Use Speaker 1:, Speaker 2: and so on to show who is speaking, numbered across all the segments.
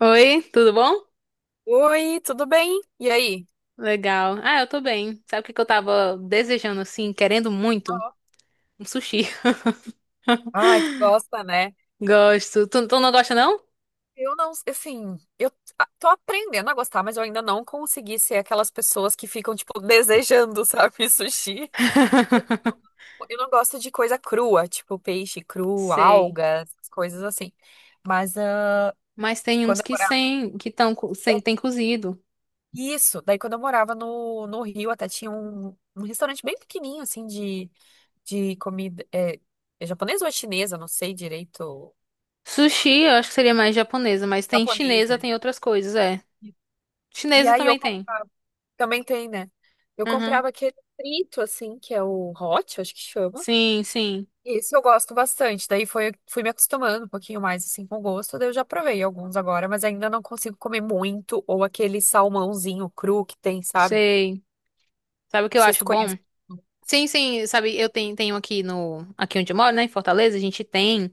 Speaker 1: Oi, tudo bom?
Speaker 2: Oi, tudo bem? E aí?
Speaker 1: Legal. Ah, eu tô bem. Sabe o que que eu tava desejando, assim, querendo muito?
Speaker 2: Ó,
Speaker 1: Um sushi.
Speaker 2: ai, tu gosta, né?
Speaker 1: Gosto. Tu não gosta, não?
Speaker 2: Eu não, assim, tô aprendendo a gostar, mas eu ainda não consegui ser aquelas pessoas que ficam, tipo, desejando, sabe, sushi. Porque Eu não gosto de coisa crua, tipo peixe cru,
Speaker 1: Sei.
Speaker 2: algas, coisas assim. Mas
Speaker 1: Mas tem uns
Speaker 2: quando eu
Speaker 1: que
Speaker 2: morava.
Speaker 1: sem, que tão, co- sem,
Speaker 2: é,
Speaker 1: tem cozido.
Speaker 2: Isso, daí quando eu morava no Rio, até tinha um restaurante bem pequenininho, assim, de comida é japonesa ou é chinesa, não sei direito,
Speaker 1: Sushi, eu acho que seria mais japonesa, mas tem
Speaker 2: japonês,
Speaker 1: chinesa,
Speaker 2: né?
Speaker 1: tem outras coisas, é.
Speaker 2: E
Speaker 1: Chinesa
Speaker 2: aí eu
Speaker 1: também tem.
Speaker 2: comprava, também tem, né? Eu
Speaker 1: Uhum.
Speaker 2: comprava aquele frito, assim, que é o hot, acho que chama.
Speaker 1: Sim, sim.
Speaker 2: Esse eu gosto bastante. Daí fui me acostumando um pouquinho mais, assim, com o gosto. Daí eu já provei alguns agora, mas ainda não consigo comer muito. Ou aquele salmãozinho cru que tem, sabe? Não
Speaker 1: Sei. Sabe o que eu
Speaker 2: sei se
Speaker 1: acho
Speaker 2: tu
Speaker 1: bom?
Speaker 2: conhece.
Speaker 1: Sim, sim, sabe, eu tenho, tenho aqui no, aqui onde eu moro, né, em Fortaleza, a gente tem.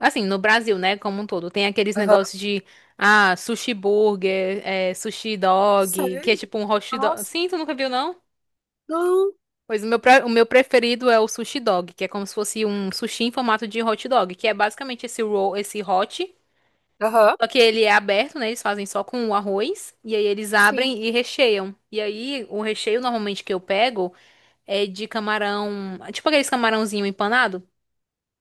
Speaker 1: Assim, no Brasil, né, como um todo, tem aqueles
Speaker 2: Aham.
Speaker 1: negócios de, ah, sushi burger, é, sushi dog, que é
Speaker 2: Sério?
Speaker 1: tipo um hot dog.
Speaker 2: Nossa.
Speaker 1: Sim, tu nunca viu, não?
Speaker 2: Não.
Speaker 1: Pois o meu, pre- o meu preferido é o sushi dog, que é como se fosse um sushi em formato de hot dog, que é basicamente esse roll, esse hot,
Speaker 2: Aham.
Speaker 1: só que ele é aberto, né, eles fazem só com o arroz, e aí eles
Speaker 2: Sim.
Speaker 1: abrem e recheiam. E aí, o recheio normalmente que eu pego é de camarão, tipo aqueles camarãozinho empanado,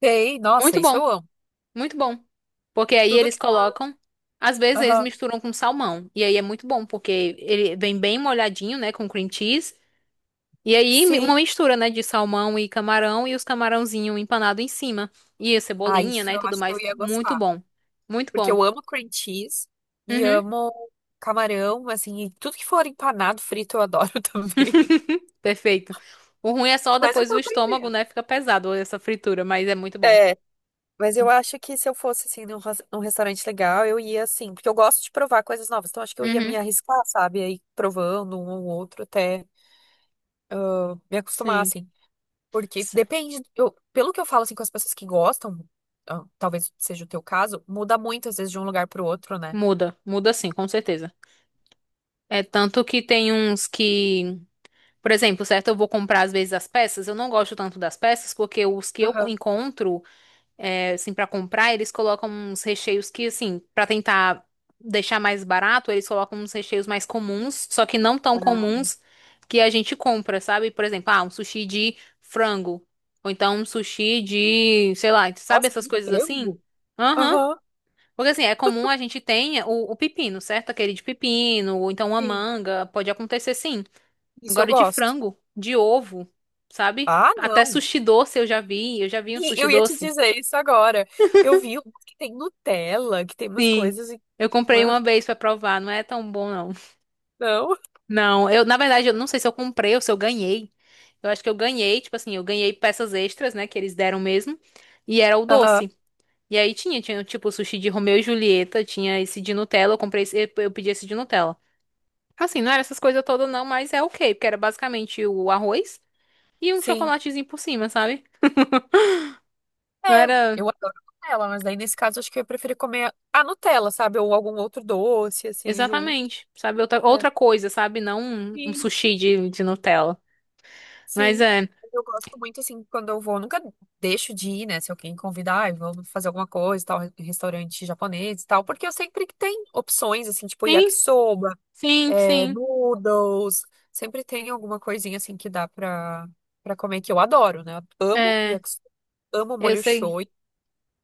Speaker 2: Sei. Nossa,
Speaker 1: muito
Speaker 2: isso
Speaker 1: bom.
Speaker 2: eu amo.
Speaker 1: Muito bom. Porque aí
Speaker 2: Tudo
Speaker 1: eles
Speaker 2: que...
Speaker 1: colocam, às vezes eles
Speaker 2: Aham.
Speaker 1: misturam com salmão. E aí é muito bom, porque ele vem bem molhadinho, né, com cream cheese. E aí mi-
Speaker 2: Sim.
Speaker 1: uma mistura, né, de salmão e camarão e os camarãozinho empanado em cima. E a
Speaker 2: Ah,
Speaker 1: cebolinha,
Speaker 2: isso
Speaker 1: né, e
Speaker 2: eu
Speaker 1: tudo
Speaker 2: acho que eu
Speaker 1: mais.
Speaker 2: ia
Speaker 1: Muito
Speaker 2: gostar.
Speaker 1: bom. Muito
Speaker 2: Porque
Speaker 1: bom.
Speaker 2: eu amo cream cheese e
Speaker 1: Uhum.
Speaker 2: amo camarão, assim, e tudo que for empanado, frito, eu adoro também.
Speaker 1: Perfeito. O ruim é só
Speaker 2: Mas eu
Speaker 1: depois
Speaker 2: tô
Speaker 1: o estômago,
Speaker 2: aprendendo.
Speaker 1: né, fica pesado essa fritura, mas é muito bom.
Speaker 2: É, mas eu acho que se eu fosse, assim, num restaurante legal, eu ia, assim, porque eu gosto de provar coisas novas, então acho que eu ia me
Speaker 1: Uhum.
Speaker 2: arriscar, sabe? Aí provando um ou outro até eu me acostumar,
Speaker 1: Sim.
Speaker 2: assim. Porque
Speaker 1: S-
Speaker 2: depende, eu, pelo que eu falo, assim, com as pessoas que gostam, ah, talvez seja o teu caso, muda muito, às vezes, de um lugar pro outro, né?
Speaker 1: Muda, muda sim, com certeza. É tanto que tem uns que. Por exemplo, certo? Eu vou comprar às vezes as peças. Eu não gosto tanto das peças porque os que eu co-
Speaker 2: Aham.
Speaker 1: encontro, é, assim, para comprar, eles colocam uns recheios que, assim, para tentar deixar mais barato, eles colocam uns recheios mais comuns, só que não tão
Speaker 2: Ah,
Speaker 1: comuns que a gente compra, sabe? Por exemplo, ah, um sushi de frango. Ou então um sushi de, sei lá, sabe
Speaker 2: nossa,
Speaker 1: essas
Speaker 2: de
Speaker 1: coisas assim?
Speaker 2: frango?
Speaker 1: Aham.
Speaker 2: Aham.
Speaker 1: Porque assim, é comum a gente tenha o pepino, certo? Aquele de pepino, ou então uma
Speaker 2: Sim.
Speaker 1: manga, pode acontecer sim.
Speaker 2: Isso eu
Speaker 1: Agora de
Speaker 2: gosto.
Speaker 1: frango, de ovo, sabe?
Speaker 2: Ah,
Speaker 1: Até
Speaker 2: não.
Speaker 1: sushi doce eu já vi um
Speaker 2: E
Speaker 1: sushi
Speaker 2: eu ia te
Speaker 1: doce.
Speaker 2: dizer isso agora. Eu vi um que tem Nutella, que tem umas
Speaker 1: Sim.
Speaker 2: coisas em
Speaker 1: Eu comprei
Speaker 2: cima.
Speaker 1: uma vez pra provar, não é tão bom não.
Speaker 2: Não?
Speaker 1: Não, eu na verdade eu não sei se eu comprei ou se eu ganhei. Eu acho que eu ganhei, tipo assim, eu ganhei peças extras, né, que eles deram mesmo, e era o
Speaker 2: Aham.
Speaker 1: doce. E aí tinha, tinha tipo sushi de Romeu e Julieta, tinha esse de Nutella, eu comprei esse, eu pedi esse de Nutella. Assim, não era essas coisas todas não, mas é ok, porque era basicamente o arroz e um
Speaker 2: Sim.
Speaker 1: chocolatezinho por cima, sabe? Não
Speaker 2: É,
Speaker 1: era.
Speaker 2: eu adoro Nutella, mas daí nesse caso acho que eu ia preferir comer a Nutella, sabe? Ou algum outro doce, assim, junto.
Speaker 1: Exatamente, sabe? Outra,
Speaker 2: É.
Speaker 1: outra coisa, sabe? Não um, um
Speaker 2: Sim,
Speaker 1: sushi de Nutella. Mas
Speaker 2: sim.
Speaker 1: é.
Speaker 2: Eu gosto muito, assim, quando eu vou, eu nunca deixo de ir, né? Se alguém convidar, "Ai, vamos fazer alguma coisa, tal, em restaurante japonês e tal", porque eu sempre que tem opções, assim, tipo
Speaker 1: Sim,
Speaker 2: yakisoba,
Speaker 1: sim, sim.
Speaker 2: noodles. Sempre tem alguma coisinha assim que pra comer que eu adoro, né? Eu amo
Speaker 1: É,
Speaker 2: yakisoba, amo
Speaker 1: eu
Speaker 2: molho
Speaker 1: sei.
Speaker 2: shoyu.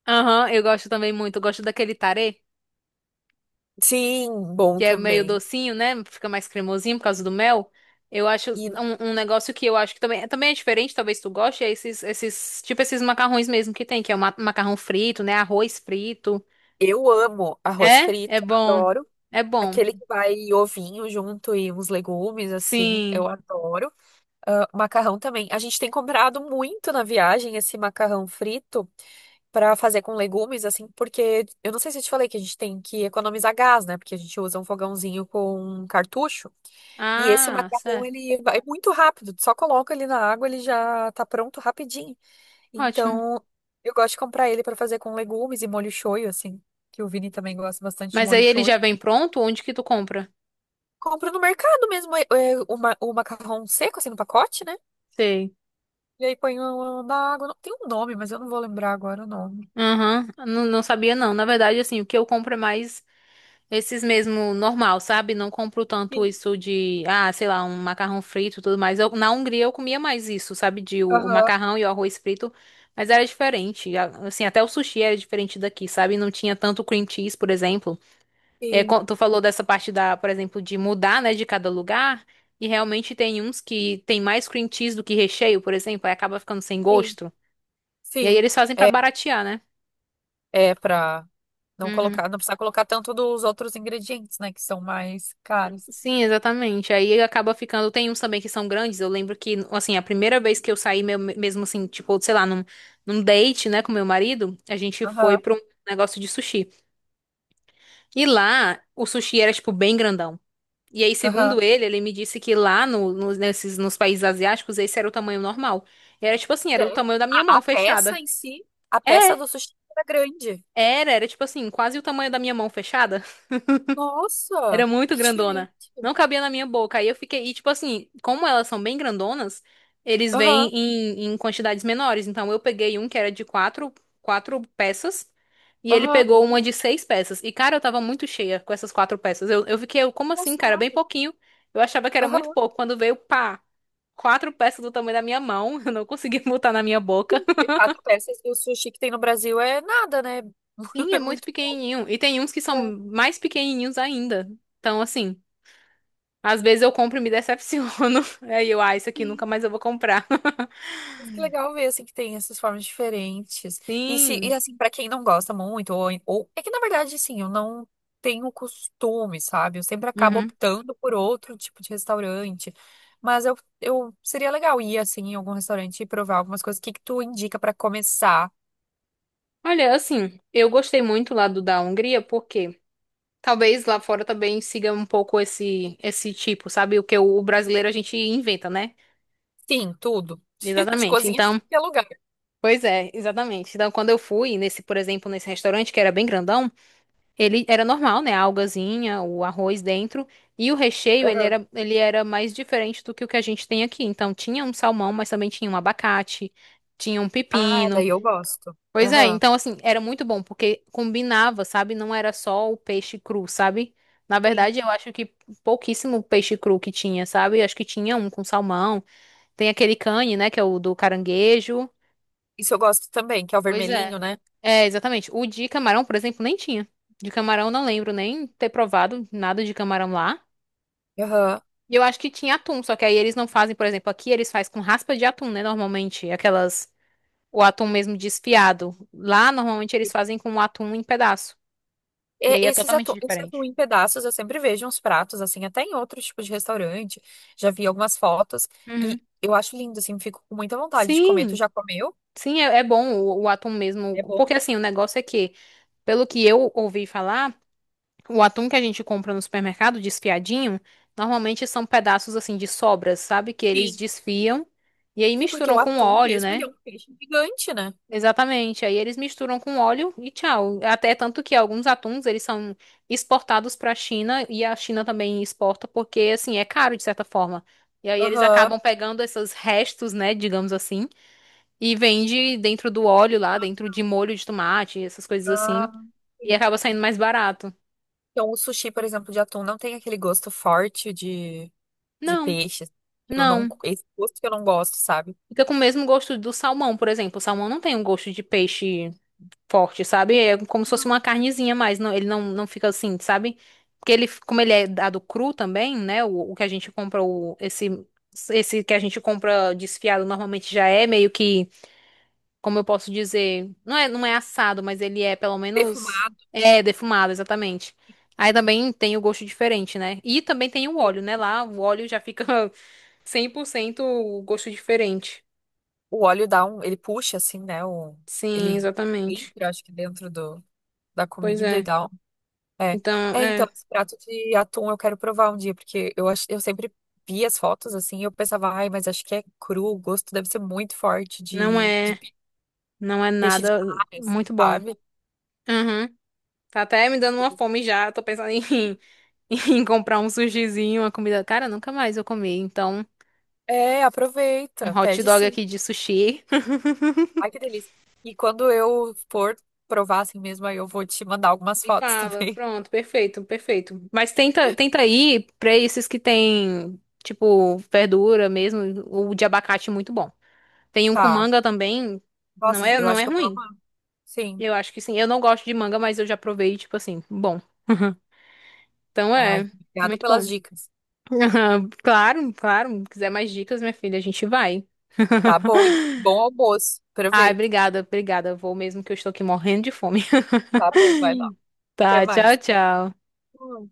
Speaker 1: Aham, eu gosto também muito. Eu gosto daquele tarê,
Speaker 2: Sim, bom
Speaker 1: que é meio
Speaker 2: também.
Speaker 1: docinho, né? Fica mais cremosinho por causa do mel. Eu acho
Speaker 2: E
Speaker 1: um, um negócio que eu acho que também, também é diferente, talvez tu goste, é esses, esses, tipo esses macarrões mesmo que tem, que é o ma- macarrão frito, né? Arroz frito.
Speaker 2: eu amo arroz
Speaker 1: É? É
Speaker 2: frito,
Speaker 1: bom.
Speaker 2: adoro.
Speaker 1: É bom.
Speaker 2: Aquele que vai ovinho junto e uns legumes, assim,
Speaker 1: Sim.
Speaker 2: eu adoro. Ah, macarrão também. A gente tem comprado muito na viagem esse macarrão frito pra fazer com legumes, assim, porque eu não sei se eu te falei que a gente tem que economizar gás, né? Porque a gente usa um fogãozinho com cartucho. E esse
Speaker 1: Ah,
Speaker 2: macarrão,
Speaker 1: certo.
Speaker 2: ele vai muito rápido. Tu só coloca ele na água, ele já tá pronto rapidinho.
Speaker 1: Ótimo.
Speaker 2: Então, eu gosto de comprar ele pra fazer com legumes e molho shoyu, assim. Que o Vini também gosta bastante de
Speaker 1: Mas
Speaker 2: molho
Speaker 1: aí ele
Speaker 2: shoyu.
Speaker 1: já vem pronto? Onde que tu compra?
Speaker 2: Compro no mercado mesmo, o macarrão seco, assim, no pacote, né?
Speaker 1: Sei.
Speaker 2: E aí na água. Não, tem um nome, mas eu não vou lembrar agora o nome.
Speaker 1: Aham. Não, não sabia não. Na verdade, assim, o que eu compro é mais esses mesmo normal, sabe? Não compro tanto
Speaker 2: Sim.
Speaker 1: isso de, ah, sei lá, um macarrão frito e tudo mais. Eu- na Hungria eu comia mais isso, sabe? De o
Speaker 2: Aham.
Speaker 1: macarrão e o arroz frito, mas era diferente. A- Assim, até o sushi era diferente daqui, sabe? Não tinha tanto cream cheese, por exemplo. É,
Speaker 2: Sim.
Speaker 1: quan- tu falou dessa parte da, por exemplo, de mudar, né, de cada lugar. E realmente tem uns que tem mais cream cheese do que recheio, por exemplo, aí acaba ficando sem
Speaker 2: Sim.
Speaker 1: gosto. E aí
Speaker 2: Sim.
Speaker 1: eles fazem pra
Speaker 2: É,
Speaker 1: baratear, né?
Speaker 2: é pra não
Speaker 1: Uhum.
Speaker 2: colocar, não precisar colocar tanto dos outros ingredientes, né? Que são mais caros.
Speaker 1: Sim, exatamente. Aí acaba ficando. Tem uns também que são grandes. Eu lembro que, assim, a primeira vez que eu saí, meu- mesmo assim, tipo, sei lá, num, num date, né, com meu marido, a gente foi
Speaker 2: Aham.
Speaker 1: pra um negócio de sushi. E lá, o sushi era, tipo, bem grandão. E aí,
Speaker 2: Aham.
Speaker 1: segundo ele, ele me disse que lá no, no- nesses, nos países asiáticos, esse era o tamanho normal. E era, tipo assim, era o
Speaker 2: Sério?
Speaker 1: tamanho da minha
Speaker 2: A,
Speaker 1: mão
Speaker 2: a peça
Speaker 1: fechada.
Speaker 2: em si, a peça
Speaker 1: É,
Speaker 2: do sushi era grande.
Speaker 1: era, era, tipo assim, quase o tamanho da minha mão fechada. Era
Speaker 2: Nossa,
Speaker 1: muito
Speaker 2: que
Speaker 1: grandona.
Speaker 2: diferente.
Speaker 1: Não cabia na minha boca. Aí eu fiquei. E, tipo assim, como elas são bem grandonas, eles vêm
Speaker 2: Aham,
Speaker 1: em, em quantidades menores. Então eu peguei um que era de quatro, quatro peças. E ele
Speaker 2: aham,
Speaker 1: pegou uma de seis peças. E, cara, eu tava muito cheia com essas quatro peças. Eu fiquei, eu, como assim, cara? Bem
Speaker 2: engraçado.
Speaker 1: pouquinho. Eu achava que era muito
Speaker 2: Aham.
Speaker 1: pouco. Quando veio, pá, quatro peças do tamanho da minha mão. Eu não consegui botar na minha boca.
Speaker 2: Sim, porque quatro peças do sushi que tem no Brasil é nada, né?
Speaker 1: Sim, é
Speaker 2: É
Speaker 1: muito
Speaker 2: muito.
Speaker 1: pequenininho. E tem uns que são
Speaker 2: É,
Speaker 1: mais pequenininhos ainda. Então, assim. Às vezes eu compro e me decepciono. Aí eu, ah, isso aqui
Speaker 2: sim.
Speaker 1: nunca mais eu vou comprar.
Speaker 2: Mas que legal ver, assim, que tem essas formas diferentes. E
Speaker 1: Sim.
Speaker 2: assim, pra quem não gosta muito, é que, na verdade, assim, eu não tenho costume, sabe? Eu sempre acabo
Speaker 1: Uhum.
Speaker 2: optando por outro tipo de restaurante. Mas eu seria legal ir, assim, em algum restaurante e provar algumas coisas. O que que tu indica pra começar?
Speaker 1: Olha, assim, eu gostei muito lá do da Hungria, porque talvez lá fora também siga um pouco esse tipo, sabe? O que o brasileiro a gente inventa, né?
Speaker 2: Sim, tudo. De
Speaker 1: Exatamente.
Speaker 2: cozinha de
Speaker 1: Então,
Speaker 2: tudo que é lugar.
Speaker 1: pois é, exatamente. Então, quando eu fui nesse, por exemplo, nesse restaurante que era bem grandão, ele era normal, né? A algazinha, o arroz dentro. E o recheio, ele
Speaker 2: Aham.
Speaker 1: era, ele era mais diferente do que o que a gente tem aqui. Então, tinha um salmão, mas também tinha um abacate, tinha um
Speaker 2: Ah,
Speaker 1: pepino.
Speaker 2: daí eu gosto.
Speaker 1: Pois é,
Speaker 2: Aham.
Speaker 1: então, assim, era muito bom, porque combinava, sabe? Não era só o peixe cru, sabe? Na
Speaker 2: Sim.
Speaker 1: verdade, eu acho que pouquíssimo peixe cru que tinha, sabe? Eu acho que tinha um com salmão. Tem aquele cane, né? Que é o do caranguejo.
Speaker 2: Isso eu gosto também, que é o
Speaker 1: Pois é.
Speaker 2: vermelhinho, né?
Speaker 1: É, exatamente. O de camarão, por exemplo, nem tinha. De camarão, não lembro nem ter provado nada de camarão lá.
Speaker 2: Aham.
Speaker 1: E eu acho que tinha atum, só que aí eles não fazem, por exemplo, aqui eles fazem com raspa de atum, né? Normalmente, aquelas. O atum mesmo desfiado. Lá, normalmente, eles fazem com o atum em pedaço. E aí é
Speaker 2: Esses
Speaker 1: totalmente
Speaker 2: atum, esse atum
Speaker 1: diferente.
Speaker 2: em pedaços eu sempre vejo uns pratos, assim, até em outros tipos de restaurante. Já vi algumas fotos
Speaker 1: Uhum.
Speaker 2: e eu acho lindo, assim, fico com muita vontade de comer. Tu
Speaker 1: Sim,
Speaker 2: já comeu?
Speaker 1: sim, é, é bom o atum mesmo.
Speaker 2: É bom?
Speaker 1: Porque assim, o negócio é que, pelo que eu ouvi falar, o atum que a gente compra no supermercado, desfiadinho, normalmente são pedaços assim de sobras, sabe? Que eles
Speaker 2: Sim.
Speaker 1: desfiam e aí
Speaker 2: Sim, porque o
Speaker 1: misturam com
Speaker 2: atum
Speaker 1: óleo,
Speaker 2: mesmo, ele é
Speaker 1: né?
Speaker 2: um peixe gigante, né?
Speaker 1: Exatamente. Aí eles misturam com óleo e tchau. Até tanto que alguns atuns eles são exportados para a China e a China também exporta porque assim é caro de certa forma. E aí eles
Speaker 2: Aham.
Speaker 1: acabam pegando esses restos, né, digamos assim, e vende dentro do óleo lá, dentro de molho de tomate, essas coisas assim,
Speaker 2: Ah,
Speaker 1: e
Speaker 2: sim.
Speaker 1: acaba saindo mais barato.
Speaker 2: Então, o sushi, por exemplo, de atum não tem aquele gosto forte de
Speaker 1: Não,
Speaker 2: peixe. Que Eu não,
Speaker 1: não.
Speaker 2: esse gosto que eu não gosto, sabe?
Speaker 1: Fica com o mesmo gosto do salmão, por exemplo. O salmão não tem um gosto de peixe forte, sabe? É como se fosse uma carnezinha, mas não, ele não, não fica assim, sabe? Porque ele, como ele é dado cru também, né? O que a gente compra, o, esse que a gente compra desfiado normalmente já é meio que, como eu posso dizer, não é, não é assado, mas ele é pelo menos
Speaker 2: Defumar,
Speaker 1: é defumado, exatamente. Aí também tem o gosto diferente, né? E também tem o óleo, né? Lá o óleo já fica 100% o gosto diferente.
Speaker 2: o óleo dá um, ele puxa, assim, né?
Speaker 1: Sim,
Speaker 2: Ele
Speaker 1: exatamente.
Speaker 2: entra, acho que da
Speaker 1: Pois
Speaker 2: comida e
Speaker 1: é.
Speaker 2: tal. É.
Speaker 1: Então,
Speaker 2: É, então,
Speaker 1: é,
Speaker 2: esse prato de atum eu quero provar um dia, porque eu sempre vi as fotos assim, e eu pensava, ai, mas acho que é cru, o gosto deve ser muito forte
Speaker 1: não é, não é
Speaker 2: peixe de
Speaker 1: nada
Speaker 2: mar, assim,
Speaker 1: muito bom.
Speaker 2: sabe?
Speaker 1: Uhum. Tá até me dando uma fome já. Tô pensando em, em comprar um sushizinho, uma comida. Cara, nunca mais eu comi. Então,
Speaker 2: É,
Speaker 1: um
Speaker 2: aproveita,
Speaker 1: hot
Speaker 2: pede
Speaker 1: dog
Speaker 2: sim.
Speaker 1: aqui de sushi.
Speaker 2: Ai, que delícia. E quando eu for provar assim mesmo, aí eu vou te mandar algumas
Speaker 1: Me
Speaker 2: fotos
Speaker 1: fala.
Speaker 2: também.
Speaker 1: Pronto, perfeito, perfeito. Mas tenta, tenta ir pra esses que tem, tipo, verdura mesmo. O de abacate é muito bom. Tem um com
Speaker 2: Tá.
Speaker 1: manga também. Não
Speaker 2: Nossa,
Speaker 1: é,
Speaker 2: eu
Speaker 1: não
Speaker 2: acho
Speaker 1: é
Speaker 2: que eu vou
Speaker 1: ruim.
Speaker 2: amar. Sim.
Speaker 1: Eu acho que sim. Eu não gosto de manga, mas eu já provei, tipo assim, bom. Então é,
Speaker 2: Ai, obrigada
Speaker 1: muito
Speaker 2: pelas
Speaker 1: bom.
Speaker 2: dicas.
Speaker 1: Claro, claro. Quiser mais dicas, minha filha, a gente vai.
Speaker 2: Tá bom, e bom almoço.
Speaker 1: Ai,
Speaker 2: Aproveita.
Speaker 1: obrigada, obrigada. Vou mesmo que eu estou aqui morrendo de fome.
Speaker 2: Tá bom, vai lá. Até
Speaker 1: Tá, tchau,
Speaker 2: mais.
Speaker 1: tchau.
Speaker 2: Hum.